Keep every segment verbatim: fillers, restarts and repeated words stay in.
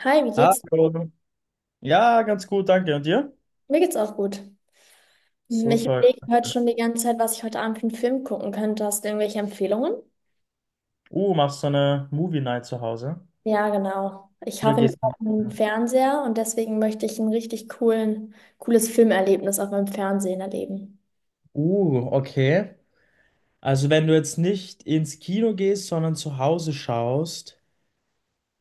Hi, wie geht's? Hallo. Ja, ganz gut, danke. Und dir? Mir geht's auch gut. Hm, Ich Super. überlege heute schon die ganze Zeit, was ich heute Abend für einen Film gucken könnte. Hast du irgendwelche Empfehlungen? Uh, machst du eine Movie Night zu Hause? Ja, genau. Ich Oder hoffe, ich gehst du? habe einen Fernseher und deswegen möchte ich ein richtig coolen, cooles Filmerlebnis auf meinem Fernsehen erleben. Uh, okay. Also wenn du jetzt nicht ins Kino gehst, sondern zu Hause schaust,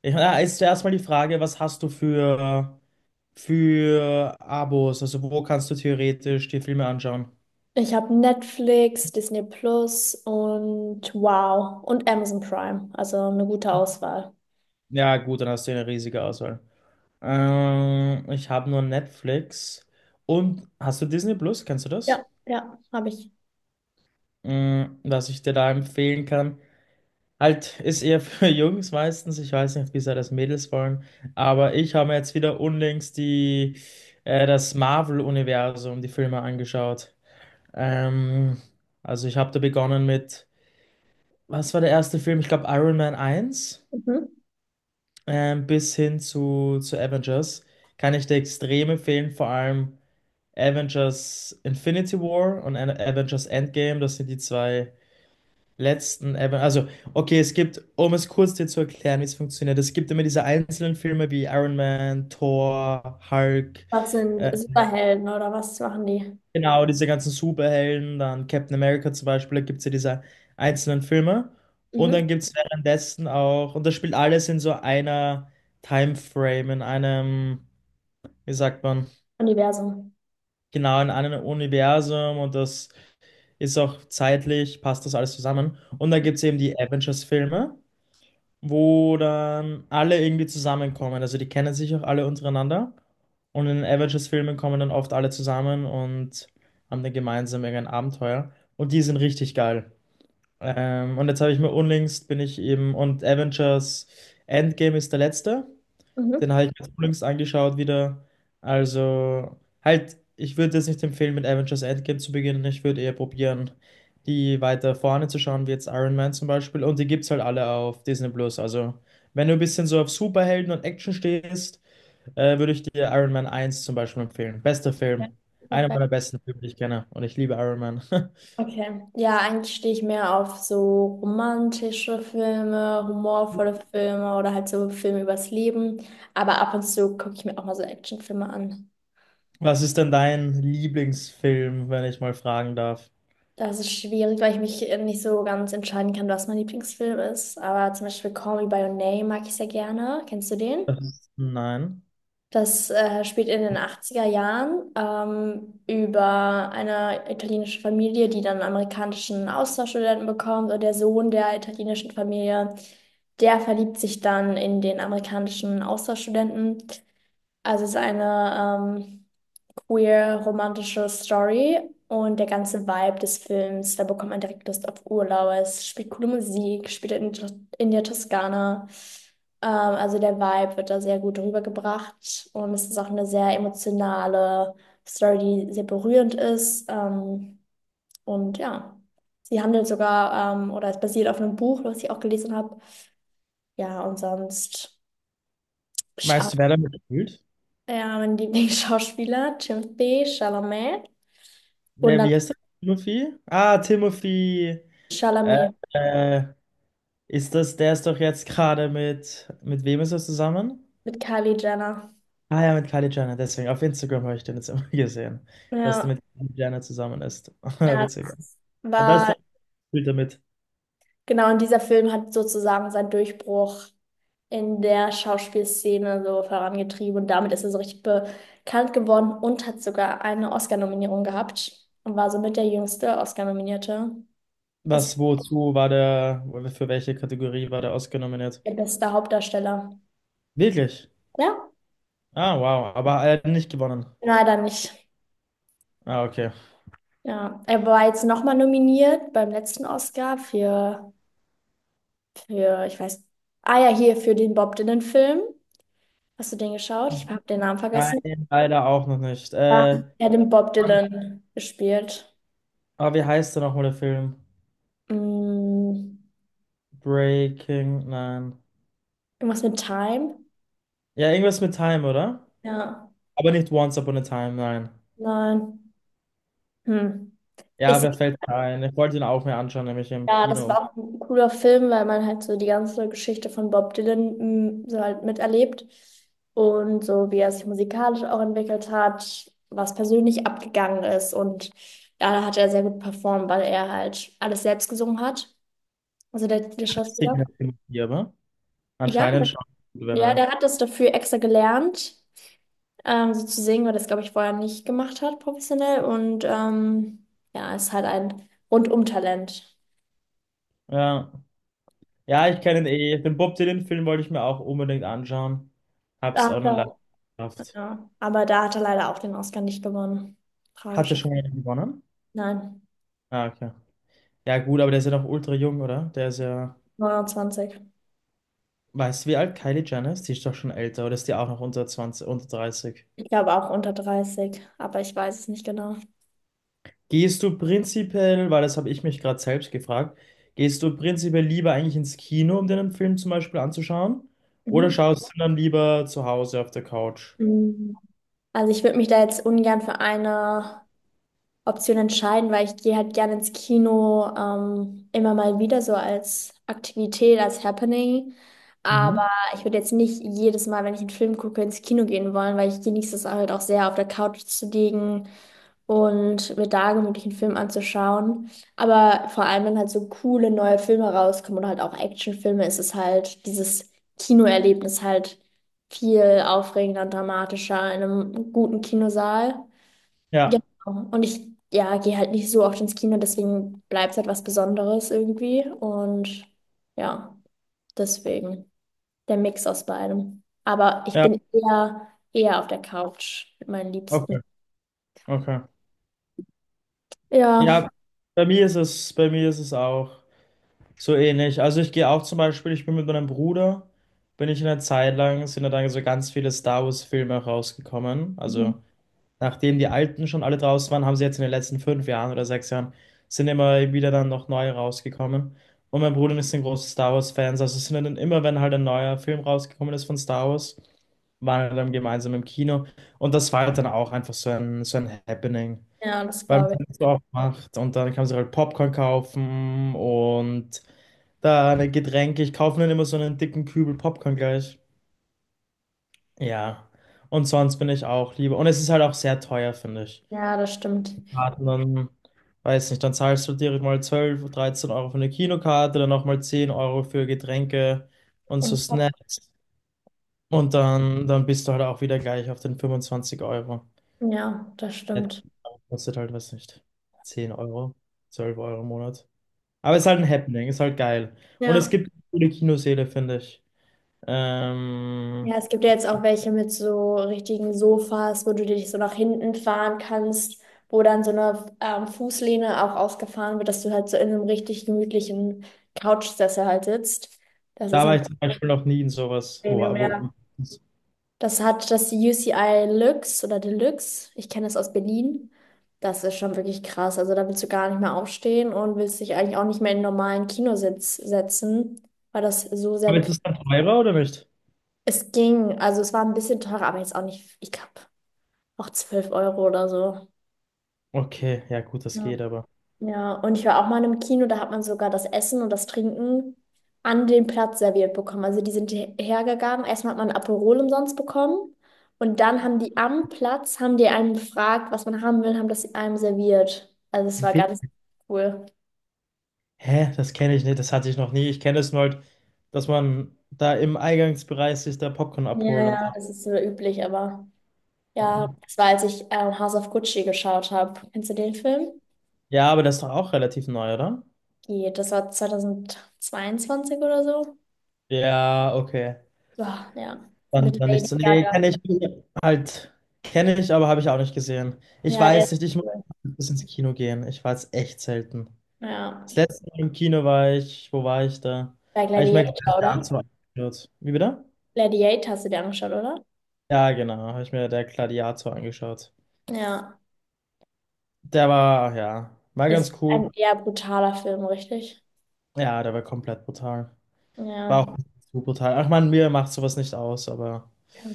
ich, na, ist zuerst mal die Frage, was hast du für, für Abos? Also wo kannst du theoretisch die Filme anschauen? Ich habe Netflix, Disney Plus und Wow und Amazon Prime. Also eine gute Auswahl. Ja, gut, dann hast du eine riesige Auswahl. Ähm, ich habe nur Netflix. Und hast du Disney Plus? Kennst du das? Ja, ja, habe ich. Mm, was ich dir da empfehlen kann. Halt, ist eher für Jungs meistens. Ich weiß nicht, wie sehr das Mädels wollen. Aber ich habe mir jetzt wieder unlängst die, äh, das Marvel-Universum, die Filme angeschaut. Ähm, also ich habe da begonnen mit, was war der erste Film? Ich glaube Iron Man eins, Mhm. ähm, bis hin zu, zu Avengers. Kann ich dir extrem empfehlen, vor allem Avengers Infinity War und An- Avengers Endgame. Das sind die zwei letzten Evan. Also, okay, es gibt, um es kurz dir zu erklären, wie es funktioniert, es gibt immer diese einzelnen Filme wie Iron Man, Thor, Hulk, Was sind äh, Superhelden oder was machen die? genau, diese ganzen Superhelden, dann Captain America zum Beispiel, da gibt es ja diese einzelnen Filme. Und Mhm. dann gibt es währenddessen auch, und das spielt alles in so einer Timeframe, in einem, wie sagt man, Universum. genau, in einem Universum und das ist auch zeitlich, passt das alles zusammen. Und dann gibt es eben die Avengers-Filme, wo dann alle irgendwie zusammenkommen. Also die kennen sich auch alle untereinander. Und in den Avengers-Filmen kommen dann oft alle zusammen und haben dann gemeinsam irgendein Abenteuer. Und die sind richtig geil. Ähm, und jetzt habe ich mir unlängst bin ich eben, und Avengers Endgame ist der letzte. Den Mhm. habe ich mir jetzt unlängst angeschaut wieder. Also, halt, ich würde jetzt nicht empfehlen, mit Avengers Endgame zu beginnen. Ich würde eher probieren, die weiter vorne zu schauen, wie jetzt Iron Man zum Beispiel. Und die gibt's halt alle auf Disney Plus. Also, wenn du ein bisschen so auf Superhelden und Action stehst, äh, würde ich dir Iron Man eins zum Beispiel empfehlen. Bester Film. Ja, Einer perfekt. meiner besten Filme, die ich kenne. Und ich liebe Iron Man. Okay. Ja, eigentlich stehe ich mehr auf so romantische Filme, humorvolle Filme oder halt so Filme übers Leben. Aber ab und zu gucke ich mir auch mal so Actionfilme an. Was ist denn dein Lieblingsfilm, wenn ich mal fragen darf? Das ist schwierig, weil ich mich äh, nicht so ganz entscheiden kann, was mein Lieblingsfilm ist. Aber zum Beispiel Call Me by Your Name mag ich sehr gerne. Kennst du den? Das ist, nein. Das äh, spielt in den achtziger Jahren, ähm, über eine italienische Familie, die dann einen amerikanischen Austauschstudenten bekommt. Und der Sohn der italienischen Familie, der verliebt sich dann in den amerikanischen Austauschstudenten. Also es ist eine ähm, queer romantische Story und der ganze Vibe des Films, da bekommt man direkt Lust auf Urlaub. Es spielt coole Musik, spielt in, in der Toskana. Ähm, also der Vibe wird da sehr gut rübergebracht und es ist auch eine sehr emotionale Story, die sehr berührend ist. Ähm, und ja, sie handelt sogar, ähm, oder es basiert auf einem Buch, was ich auch gelesen habe. Ja, und sonst. Weißt du, wer damit spielt? Ja, mein Lieblingsschauspieler, Timothée Chalamet. Und Wer, dann wie heißt der? Timothy? Ah, Timothy. Äh, Chalamet äh, Ist das, der ist doch jetzt gerade mit, mit wem ist er zusammen? mit Kylie Jenner. Ah ja, mit Kylie Jenner, deswegen. Auf Instagram habe ich den jetzt immer gesehen, dass der Ja, mit Kylie Jenner zusammen ist. er Witzig. Da ist der war, Bild damit. genau, und dieser Film hat sozusagen seinen Durchbruch in der Schauspielszene so vorangetrieben. Und damit ist er so richtig bekannt geworden und hat sogar eine Oscar-Nominierung gehabt. Und war somit der jüngste Oscar-Nominierte. Bisher Was, wozu war der, für welche Kategorie war der ausgenominiert? der beste Hauptdarsteller. Wirklich? Ja, Ah, wow. Aber er hat nicht gewonnen. leider nicht. Ah, okay. Ja, er war jetzt nochmal nominiert beim letzten Oscar für Für, ich weiß. Ah ja, hier für den Bob Dylan-Film. Hast du den geschaut? Ich habe den Namen vergessen. Nein, leider auch noch nicht. Ja. Äh, Er hat den Bob Dylan gespielt. Aber wie heißt der nochmal der Film? Hm, Breaking, nein. irgendwas mit Time? Ja, irgendwas mit Time, oder? Ja. Aber nicht Once Upon a Time, nein. Nein. Hm. Ja, Ist, vielleicht fällt mir ein. Ich wollte ihn auch mir anschauen, nämlich im ja, das Kino. war auch ein cooler Film, weil man halt so die ganze Geschichte von Bob Dylan, hm, so halt miterlebt. Und so, wie er sich musikalisch auch entwickelt hat, was persönlich abgegangen ist. Und ja, da hat er sehr gut performt, weil er halt alles selbst gesungen hat. Also der, der Schauspieler. Signature, aber Ja, der, anscheinend schon, wenn ja, er. der hat das dafür extra gelernt, ähm, so zu singen, weil das, glaube ich, vorher nicht gemacht hat, professionell. Und ähm, ja, ist halt ein Rundum-Talent. Ja. Ja, ich kenne ihn eh. Den Bob Dylan-Film wollte ich mir auch unbedingt anschauen. Hab's Da auch hat noch leider er, nicht geschafft. ja, aber da hat er leider auch den Oscar nicht gewonnen. Hatte Tragisch. schon einen gewonnen? Nein, Ah, okay. Ja, gut, aber der ist ja noch ultra jung, oder? Der ist ja. neunundzwanzig. Weißt du, wie alt Kylie Jenner ist? Die ist doch schon älter, oder ist die auch noch unter zwanzig unter dreißig? Ich glaube auch unter dreißig, aber ich weiß es nicht genau. Gehst du prinzipiell, weil das habe ich mich gerade selbst gefragt, gehst du prinzipiell lieber eigentlich ins Kino, um dir einen Film zum Beispiel anzuschauen? Oder Mhm. schaust du dann lieber zu Hause auf der Couch? Mhm. Also ich würde mich da jetzt ungern für eine Option entscheiden, weil ich gehe halt gerne ins Kino, ähm, immer mal wieder so als Aktivität, als Happening. Aber Mhm. ich würde jetzt nicht jedes Mal, wenn ich einen Film gucke, ins Kino gehen wollen, weil ich genieße es halt auch sehr, auf der Couch zu liegen und mir da gemütlich einen Film anzuschauen. Aber vor allem, wenn halt so coole neue Filme rauskommen oder halt auch Actionfilme, ist es halt dieses Kinoerlebnis halt viel aufregender und dramatischer in einem guten Kinosaal. Ja, Genau. Und ich, ja, gehe halt nicht so oft ins Kino, deswegen bleibt es halt was Besonderes irgendwie. Und ja, deswegen der Mix aus beidem. Aber ich ja, bin eher, eher auf der Couch mit meinen okay, Liebsten. okay. Ja, Ja, bei mir ist es, bei mir ist es auch so ähnlich. Also ich gehe auch zum Beispiel, ich bin mit meinem Bruder, bin ich in einer Zeit lang, sind da dann so ganz viele Star Wars Filme rausgekommen. mhm, Also nachdem die alten schon alle draußen waren, haben sie jetzt in den letzten fünf Jahren oder sechs Jahren, sind immer wieder dann noch neue rausgekommen. Und mein Bruder ist ein großer Star Wars-Fan, also sind dann immer, wenn halt ein neuer Film rausgekommen ist von Star Wars, waren wir dann gemeinsam im Kino. Und das war halt dann auch einfach so ein, so ein Happening, ja, das weil man glaube ich. es auch macht. Und dann kann man sich halt Popcorn kaufen und da eine Getränke. Ich kaufe mir dann immer so einen dicken Kübel Popcorn gleich. Ja. Und sonst bin ich auch lieber. Und es ist halt auch sehr teuer, finde ich. Ja, das stimmt. Karten, weiß nicht, dann zahlst du direkt mal zwölf, dreizehn Euro für eine Kinokarte, dann nochmal zehn Euro für Getränke und so Und, Pop. Snacks. Und dann, dann bist du halt auch wieder gleich auf den fünfundzwanzig Euro. Ja, das Ja, stimmt. kostet halt, weiß nicht, zehn Euro, zwölf Euro im Monat. Aber ist halt ein Happening, ist halt geil. Und es Ja. gibt coole Kinosäle, finde ich. Ja, Ähm, es gibt ja jetzt auch welche mit so richtigen Sofas, wo du dich so nach hinten fahren kannst, wo dann so eine, ähm, Fußlehne auch ausgefahren wird, dass du halt so in einem richtig gemütlichen Couchsessel halt sitzt. Das ist da war ein ich zum Beispiel noch nie in sowas. Wo, Premium, wo, ja. Das hat das U C I Luxe oder Deluxe. Ich kenne das aus Berlin. Das ist schon wirklich krass. Also da willst du gar nicht mehr aufstehen und willst dich eigentlich auch nicht mehr in einen normalen Kinositz setzen, weil das so sehr aber ist bequem. es dann teurer oder nicht? Es ging, also es war ein bisschen teurer, aber jetzt auch nicht, ich glaube, auch zwölf Euro oder so. Okay, ja gut, das Ja. geht aber. Ja, und ich war auch mal im Kino, da hat man sogar das Essen und das Trinken an den Platz serviert bekommen. Also die sind her- hergegangen, erstmal hat man ein Aperol umsonst bekommen und dann haben die am Platz, haben die einem gefragt, was man haben will, haben das einem serviert. Also es war ganz cool. Hä, das kenne ich nicht, das hatte ich noch nie. Ich kenne es nur halt, dass man da im Eingangsbereich sich da Popcorn Ja, abholt und ja, das ist so üblich, aber ja, dann. das war, als ich, ähm, House of Gucci geschaut habe. Kennst du den Film? Ja, aber das ist doch auch relativ neu, oder? Geht, das war zwanzig zweiundzwanzig oder so. Ja, okay. Ja, ja, Dann, mit Dann nicht Lady so. Nee, Gaga. kenne ich halt. Kenne ich, aber habe ich auch nicht gesehen. Ich Ja, der weiß ist nicht, ich muss cool. bis ins Kino gehen. Ich war jetzt echt selten. Ja. Das letzte Mal im Kino war ich, wo war ich da? Bei Habe ich mir Gladiator, oder? Gladiator angeschaut. Wie bitte? Gladiator hast du dir angeschaut, oder? Ja, genau, habe ich mir der Gladiator angeschaut. Ja. Der war, ja, war Das ist ganz ein cool. eher brutaler Film, richtig? Ja, der war komplett brutal. War Ja. auch zu brutal. Ach man, mir macht sowas nicht aus, aber Okay.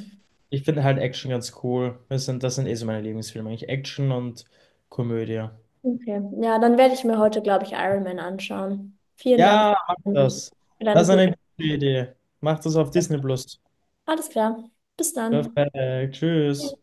ich finde halt Action ganz cool. Das sind, das sind eh so meine Lieblingsfilme, eigentlich Action und Komödie. Okay. Ja, dann werde ich mir heute, glaube ich, Iron Man anschauen. Vielen Dank Ja, mach für das. deine Das ist guten. eine gute Idee. Mach das auf Disney Plus. Alles klar. Bis dann. Perfekt. Tschüss.